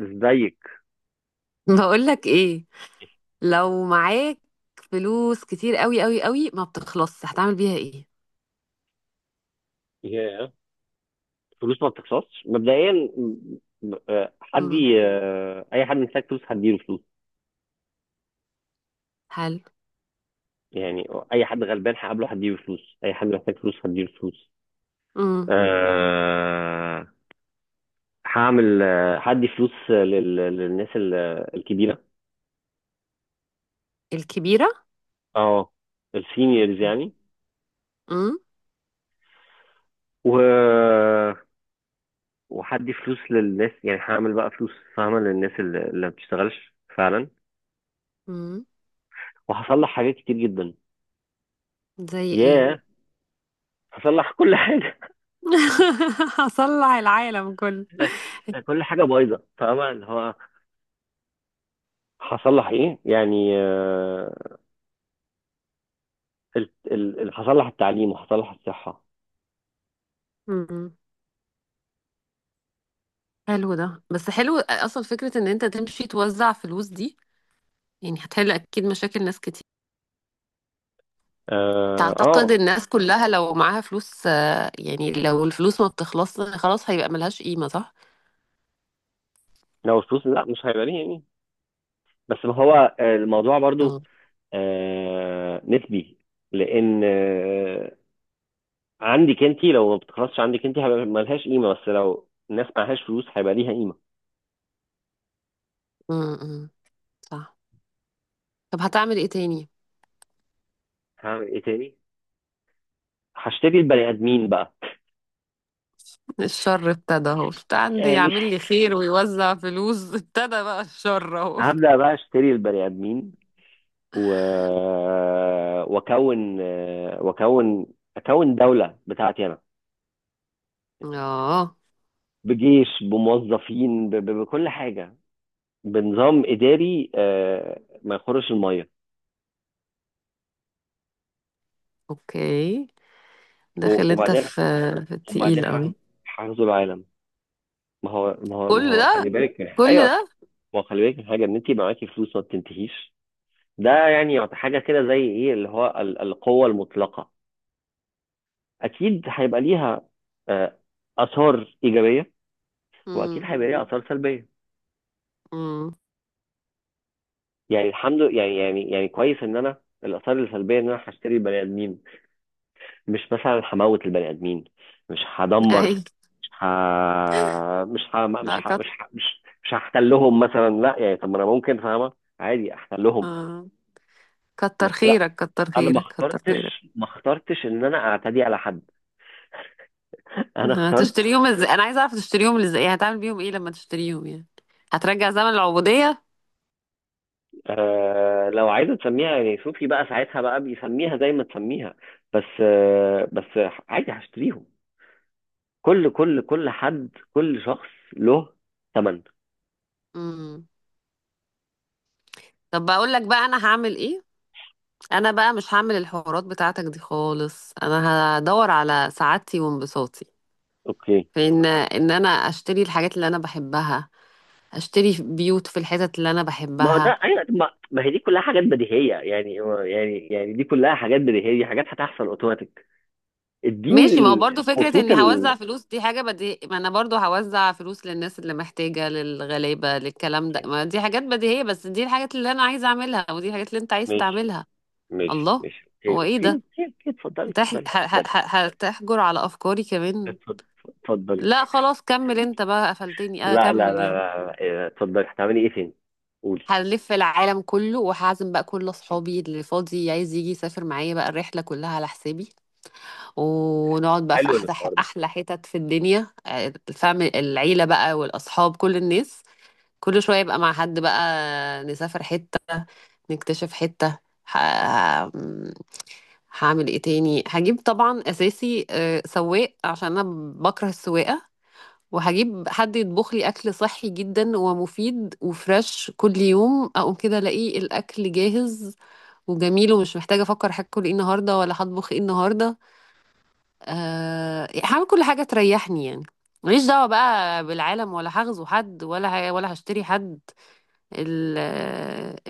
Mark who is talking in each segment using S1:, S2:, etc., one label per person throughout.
S1: ازيك؟
S2: بقولك ايه؟ لو معاك فلوس كتير قوي قوي قوي ما بتخلصش هتعمل بيها ايه؟
S1: ياه. فلوس ما بتخسرش مبدئيا. حد
S2: امم.
S1: اي حد محتاج فلوس هديله فلوس.
S2: حلو.
S1: يعني اي حد غلبان هقابله هديله فلوس، اي حد محتاج فلوس هديله فلوس.
S2: امم.
S1: أه، هعمل، هدي فلوس للناس الكبيره.
S2: الكبيرة.
S1: اه، السينيورز يعني.
S2: امم.
S1: و وهدي فلوس للناس. يعني هعمل بقى فلوس، فاهمه، للناس اللي ما بتشتغلش فعلا.
S2: امم.
S1: وهصلح حاجات كتير جدا.
S2: زي ايه؟
S1: ياه، هصلح كل حاجه.
S2: هصلح العالم كله.
S1: كل حاجه بايظه، فاهمه، اللي هو هصلح ايه يعني. هصلح التعليم وهصلح الصحه.
S2: امم. حلو ده، بس حلو اصلا فكرة ان انت تمشي توزع فلوس دي، يعني هتحل اكيد مشاكل ناس كتير.
S1: اه.
S2: تعتقد الناس كلها لو معاها فلوس يعني لو الفلوس ما بتخلصش خلاص هيبقى ملهاش قيمة صح؟
S1: لو الفلوس، لا، مش هيبقى ليه يعني. بس ما هو الموضوع برضو
S2: امم.
S1: نسبي. لان عندك انت، لو ما بتخلصش عندك انت هيبقى ملهاش قيمه، بس لو الناس معهاش فلوس هيبقى ليها قيمه.
S2: امم. صح. طب هتعمل ايه تاني؟
S1: هعمل ايه تاني؟ هشتري البني ادمين بقى.
S2: الشر ابتدى اهو، كنت عندي
S1: يعني
S2: يعمل لي خير ويوزع فلوس ابتدى بقى الشر اهو.
S1: هبدا بقى اشتري البني ادمين. و... واكون واكون اكون دولة بتاعتي انا.
S2: اه،
S1: بجيش، بموظفين، بكل حاجة. بنظام اداري ما يخرش المية.
S2: اوكي. داخل انت
S1: وبعدين،
S2: في
S1: وبعدين،
S2: التقيل قوي.
S1: هغزو العالم. ما
S2: كل
S1: هو خلي
S2: ده.
S1: بالك
S2: كل
S1: ايوه.
S2: ده.
S1: ما هو خلي بالك من حاجة ان انت معاكي فلوس ما بتنتهيش. ده يعني، حاجة كده، زي ايه اللي هو، القوة المطلقة. اكيد هيبقى ليها آه، اثار ايجابية، واكيد
S2: امم.
S1: هيبقى ليها اثار سلبية.
S2: امم.
S1: يعني الحمد لله، يعني، كويس ان انا الاثار السلبيه ان انا هشتري البني ادمين. مش مثلا هموت البني ادمين، مش هدمر،
S2: اي.
S1: مش ه... مش ه... مش
S2: لا
S1: ه...
S2: كت...
S1: مش ه... مش مش هحتلهم مثلا. لا يعني، طب ما انا ممكن، فاهمه، عادي احتلهم.
S2: آه.
S1: بس
S2: كتر
S1: لا،
S2: خيرك، كتر
S1: انا
S2: خيرك، كتر خيرك.
S1: ما اخترتش ان انا اعتدي على حد. انا اخترت.
S2: هتشتريهم ازاي؟ انا عايزه اعرف تشتريهم ازاي، يعني هتعمل بيهم ايه لما تشتريهم يعني؟ هترجع زمن العبوديه؟
S1: آه، لو عايزه تسميها، يعني، صوفي بقى، ساعتها بقى بيسميها زي ما تسميها. بس بس عادي هشتريهم. كل حد، كل شخص له ثمن.
S2: امم. طب بقول لك بقى انا هعمل ايه. انا بقى مش هعمل الحوارات بتاعتك دي خالص، انا هدور على سعادتي وانبساطي
S1: اوكي.
S2: في ان انا اشتري الحاجات اللي انا بحبها. اشتري بيوت في الحتت اللي انا
S1: ما هو
S2: بحبها.
S1: ده، ايوه، ما هي دي كلها حاجات بديهيه يعني. يعني، دي كلها حاجات بديهيه، دي حاجات هتحصل اوتوماتيك. اديني
S2: ماشي، ما هو برضه فكرة
S1: الخطوط
S2: اني هوزع فلوس دي حاجة بدي، ما انا برضه هوزع فلوس للناس اللي محتاجة، للغلابة، للكلام ده،
S1: يعني،
S2: ما دي حاجات بديهية، بس دي الحاجات اللي انا عايزة اعملها ودي الحاجات اللي انت عايز
S1: ماشي.
S2: تعملها.
S1: ماشي،
S2: الله.
S1: ماشي، اوكي،
S2: هو ايه
S1: اوكي،
S2: ده؟
S1: اوكي، اوكي. اتفضلي، اتفضلي، اتفضلي،
S2: هتحجر على افكاري كمان؟
S1: اتفضلي، اتفضلي.
S2: لا، خلاص كمل انت بقى، قفلتني اه،
S1: لا، لا، لا،
S2: كمل يعني.
S1: لا. لا، إيه، اتفضلي، هتعملي ايه تاني؟ قولي.
S2: هنلف العالم كله وهعزم بقى كل اصحابي اللي فاضي عايز يجي يسافر معايا، بقى الرحله كلها على حسابي. ونقعد بقى في
S1: حلو
S2: احلى
S1: الحوار ده.
S2: احلى حتت في الدنيا، الفم العيله بقى والاصحاب كل الناس. كل شويه يبقى مع حد بقى نسافر حته. نكتشف حته. ه... ه- هعمل ايه تاني؟ هجيب طبعا اساسي سواق عشان انا بكره السواقه. وهجيب حد يطبخ لي اكل صحي جدا ومفيد وفريش، كل يوم اقوم كده الاقي الاكل جاهز وجميل، ومش محتاجه افكر هاكل ايه النهارده ولا هطبخ ايه النهارده. هعمل كل حاجه تريحني يعني. ماليش دعوه بقى بالعالم ولا هغزو حد ولا هشتري حد. ال...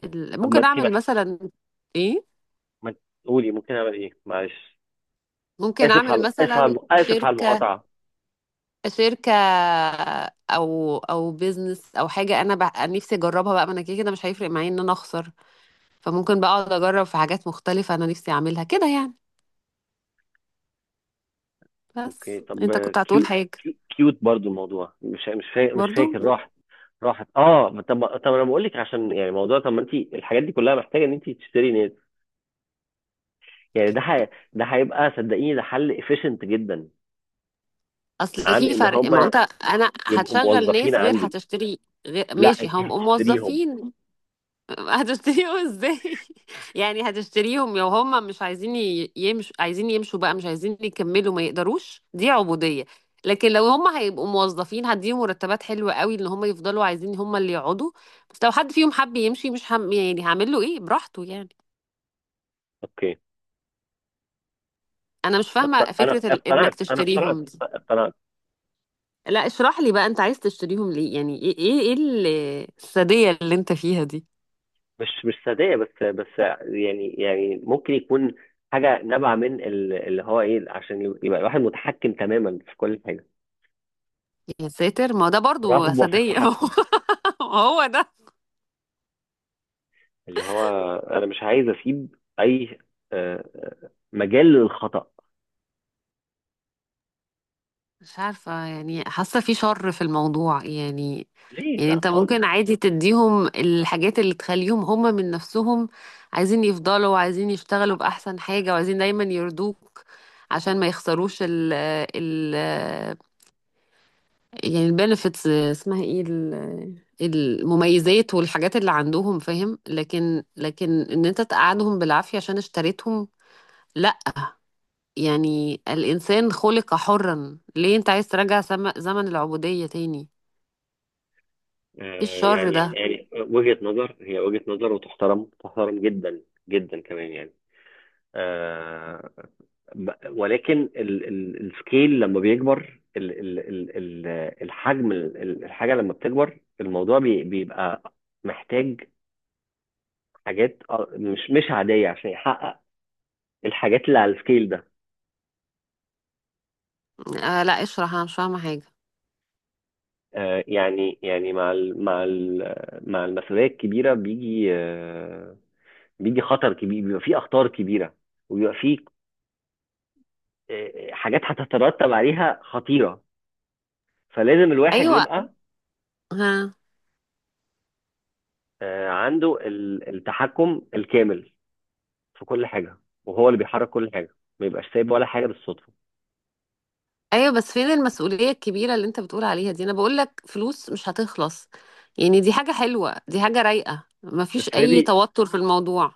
S1: طب ما
S2: ممكن
S1: انت
S2: اعمل مثلا. ايه؟
S1: ما انت- قولي، ممكن اعمل ايه؟ معلش،
S2: ممكن اعمل مثلا
S1: اسف على
S2: شركه.
S1: المقاطعه.
S2: شركة، او بيزنس او حاجة انا نفسي اجربها بقى، ما انا كده كده مش هيفرق معايا ان انا اخسر. فممكن بقى اقعد اجرب في حاجات مختلفة انا نفسي اعملها كده يعني. بس
S1: اوكي، طب.
S2: انت كنت هتقول
S1: كيوت.
S2: حاجة؟
S1: كيوت برضو الموضوع، مش فاكر،
S2: برضو.
S1: راحت. راحت. اه، طب، انا بقول لك، عشان يعني موضوع، طب ما انت الحاجات دي كلها محتاجه ان انت تشتري نت. يعني ده ده هيبقى، صدقيني، ده حل efficient جدا،
S2: اصل
S1: عن
S2: في
S1: ان
S2: فرق، ما
S1: هم
S2: انت انا
S1: يبقوا
S2: هتشغل
S1: موظفين
S2: ناس غير
S1: عندك.
S2: هتشتري. غير
S1: لا،
S2: ماشي
S1: انت
S2: هم
S1: هتشتريهم.
S2: موظفين. هتشتريهم ازاي؟ يعني هتشتريهم لو هم مش عايزين يمشوا، عايزين يمشوا بقى مش عايزين يكملوا ما يقدروش، دي عبودية. لكن لو هم هيبقوا موظفين هديهم مرتبات حلوة قوي ان هم يفضلوا عايزين هم اللي يقعدوا. بس لو حد فيهم حب يمشي مش هم يعني، هعمل له ايه، براحته يعني.
S1: اوكي.
S2: انا مش فاهمة
S1: انا
S2: فكرة انك
S1: اقتنعت،
S2: تشتريهم دي.
S1: اقتنعت.
S2: لا اشرح لي بقى، انت عايز تشتريهم ليه؟ يعني ايه ايه إيه السادية اللي انت فيها دي؟
S1: مش صدقيه، بس، يعني، ممكن يكون حاجه نابعه من اللي هو ايه، عشان يبقى الواحد متحكم تماما في كل حاجه.
S2: يا ساتر، ما هو ده برضو
S1: رغبة في
S2: سادية.
S1: التحكم.
S2: هو ده.
S1: اللي هو انا مش عايز اسيب اي مجال للخطأ.
S2: مش عارفة يعني، حاسة في شر في الموضوع يعني.
S1: ليه؟
S2: يعني
S1: لا
S2: انت
S1: خالص.
S2: ممكن عادي تديهم الحاجات اللي تخليهم هم من نفسهم عايزين يفضلوا، وعايزين يشتغلوا بأحسن حاجة، وعايزين دايما يرضوك عشان ما يخسروش ال ال يعني البنفيتس، اسمها ايه المميزات والحاجات اللي عندهم فاهم، لكن ان انت تقعدهم بالعافية عشان اشتريتهم. لا. يعني الإنسان خلق حرا، ليه انت عايز ترجع زمن العبودية تاني؟ ايه الشر
S1: يعني،
S2: ده؟
S1: وجهة نظر، هي وجهة نظر، وتحترم، جدا، جدا كمان يعني. آه، ب- ولكن السكيل لما بيكبر، الحجم، الحاجة لما بتكبر، الموضوع بيبقى محتاج حاجات مش عادية عشان يحقق الحاجات اللي على السكيل ده.
S2: آه، لا اشرح، انا مش فاهمه حاجه.
S1: يعني، مع ال، مع المسؤوليه الكبيره بيجي، بيجي خطر كبير، بيبقى فيه اخطار كبيره، وبيبقى فيه حاجات هتترتب عليها خطيره. فلازم الواحد
S2: ايوه.
S1: يبقى
S2: ها.
S1: عنده التحكم الكامل في كل حاجه، وهو اللي بيحرك كل حاجه، ما يبقاش سايب ولا حاجه بالصدفه.
S2: ايوه، بس فين المسؤوليه الكبيره اللي انت بتقول عليها دي؟ انا بقول لك فلوس مش هتخلص. يعني دي حاجه حلوه، دي حاجه رايقه، مفيش اي
S1: افرضي،
S2: توتر في الموضوع.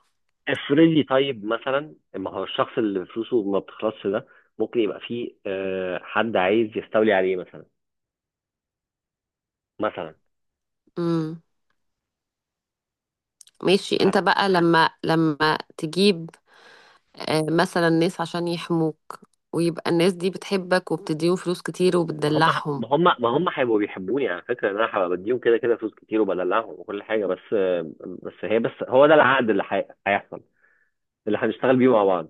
S1: افرضي طيب، مثلا، ما هو الشخص اللي فلوسه ما بتخلصش ده ممكن يبقى فيه حد عايز يستولي عليه مثلا. مثلا.
S2: امم. ماشي، انت بقى لما تجيب مثلا ناس عشان يحموك ويبقى الناس دي بتحبك وبتديهم فلوس كتير
S1: ما هم
S2: وبتدلعهم.
S1: ما هم هيبقوا بيحبوني، على فكره، ان انا هبقى بديهم كده كده فلوس كتير، وبدلعهم، وكل حاجه. بس، بس هي بس هو ده العقد اللي هيحصل، اللي هنشتغل بيه مع بعض.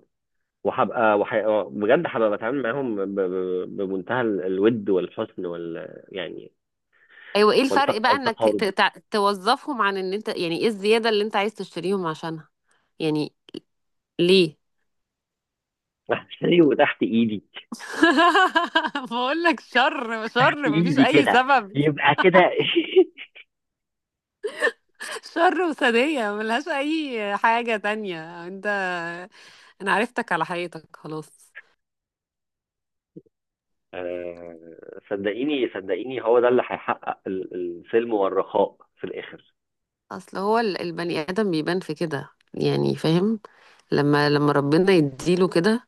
S1: وهبقى بجد هبقى بتعامل معاهم، بمنتهى الود والحسن وال، يعني،
S2: ايوه، ايه الفرق بقى انك
S1: والتقارب.
S2: توظفهم عن ان انت يعني؟ ايه الزياده اللي انت عايز تشتريهم عشانها؟ يعني. ليه؟
S1: احسني وتحت ايدي.
S2: بقول لك شر
S1: تحت
S2: شر، مفيش
S1: ايدي
S2: اي
S1: كده،
S2: سبب.
S1: يبقى كده
S2: شر وسادية ملهاش اي حاجة تانية انت. انا عرفتك على حقيقتك خلاص.
S1: صدقيني، هو ده اللي هيحقق السلم والرخاء في الاخر.
S2: اصل هو البني ادم بيبان في كده يعني، فاهم. لما ربنا يديله كده،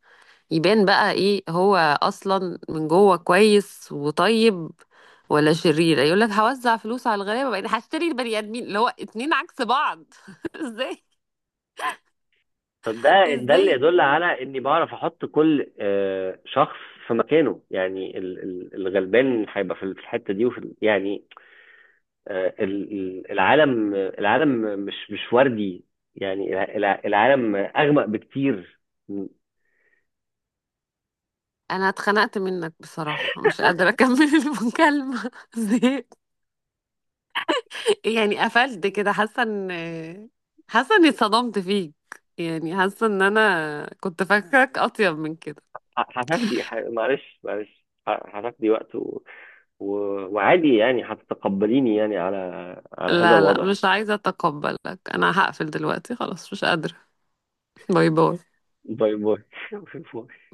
S2: يبان بقى ايه هو اصلا، من جوه كويس وطيب ولا شرير. يقول لك هوزع فلوس على الغلابه بقيت هشتري البني ادمين، اللي هو اتنين عكس بعض. ازاي؟
S1: طب ده، اللي
S2: ازاي؟
S1: يدل على اني بعرف احط كل شخص في مكانه. يعني الغلبان هيبقى في الحته دي، وفي يعني، العالم مش وردي يعني. العالم اغمق بكتير. ه-
S2: انا اتخنقت منك بصراحة، مش قادرة اكمل المكالمة. زهقت. يعني قفلت كده، حاسة اني اتصدمت فيك. يعني حاسة ان انا كنت فاكرك اطيب من كده.
S1: هتاخدي معلش، معلش، هتاخدي وقت، وعادي يعني هتتقبليني يعني على هذا
S2: لا، لا،
S1: الوضع.
S2: مش عايزة اتقبلك، انا هقفل دلوقتي خلاص، مش قادرة. باي باي.
S1: باي باي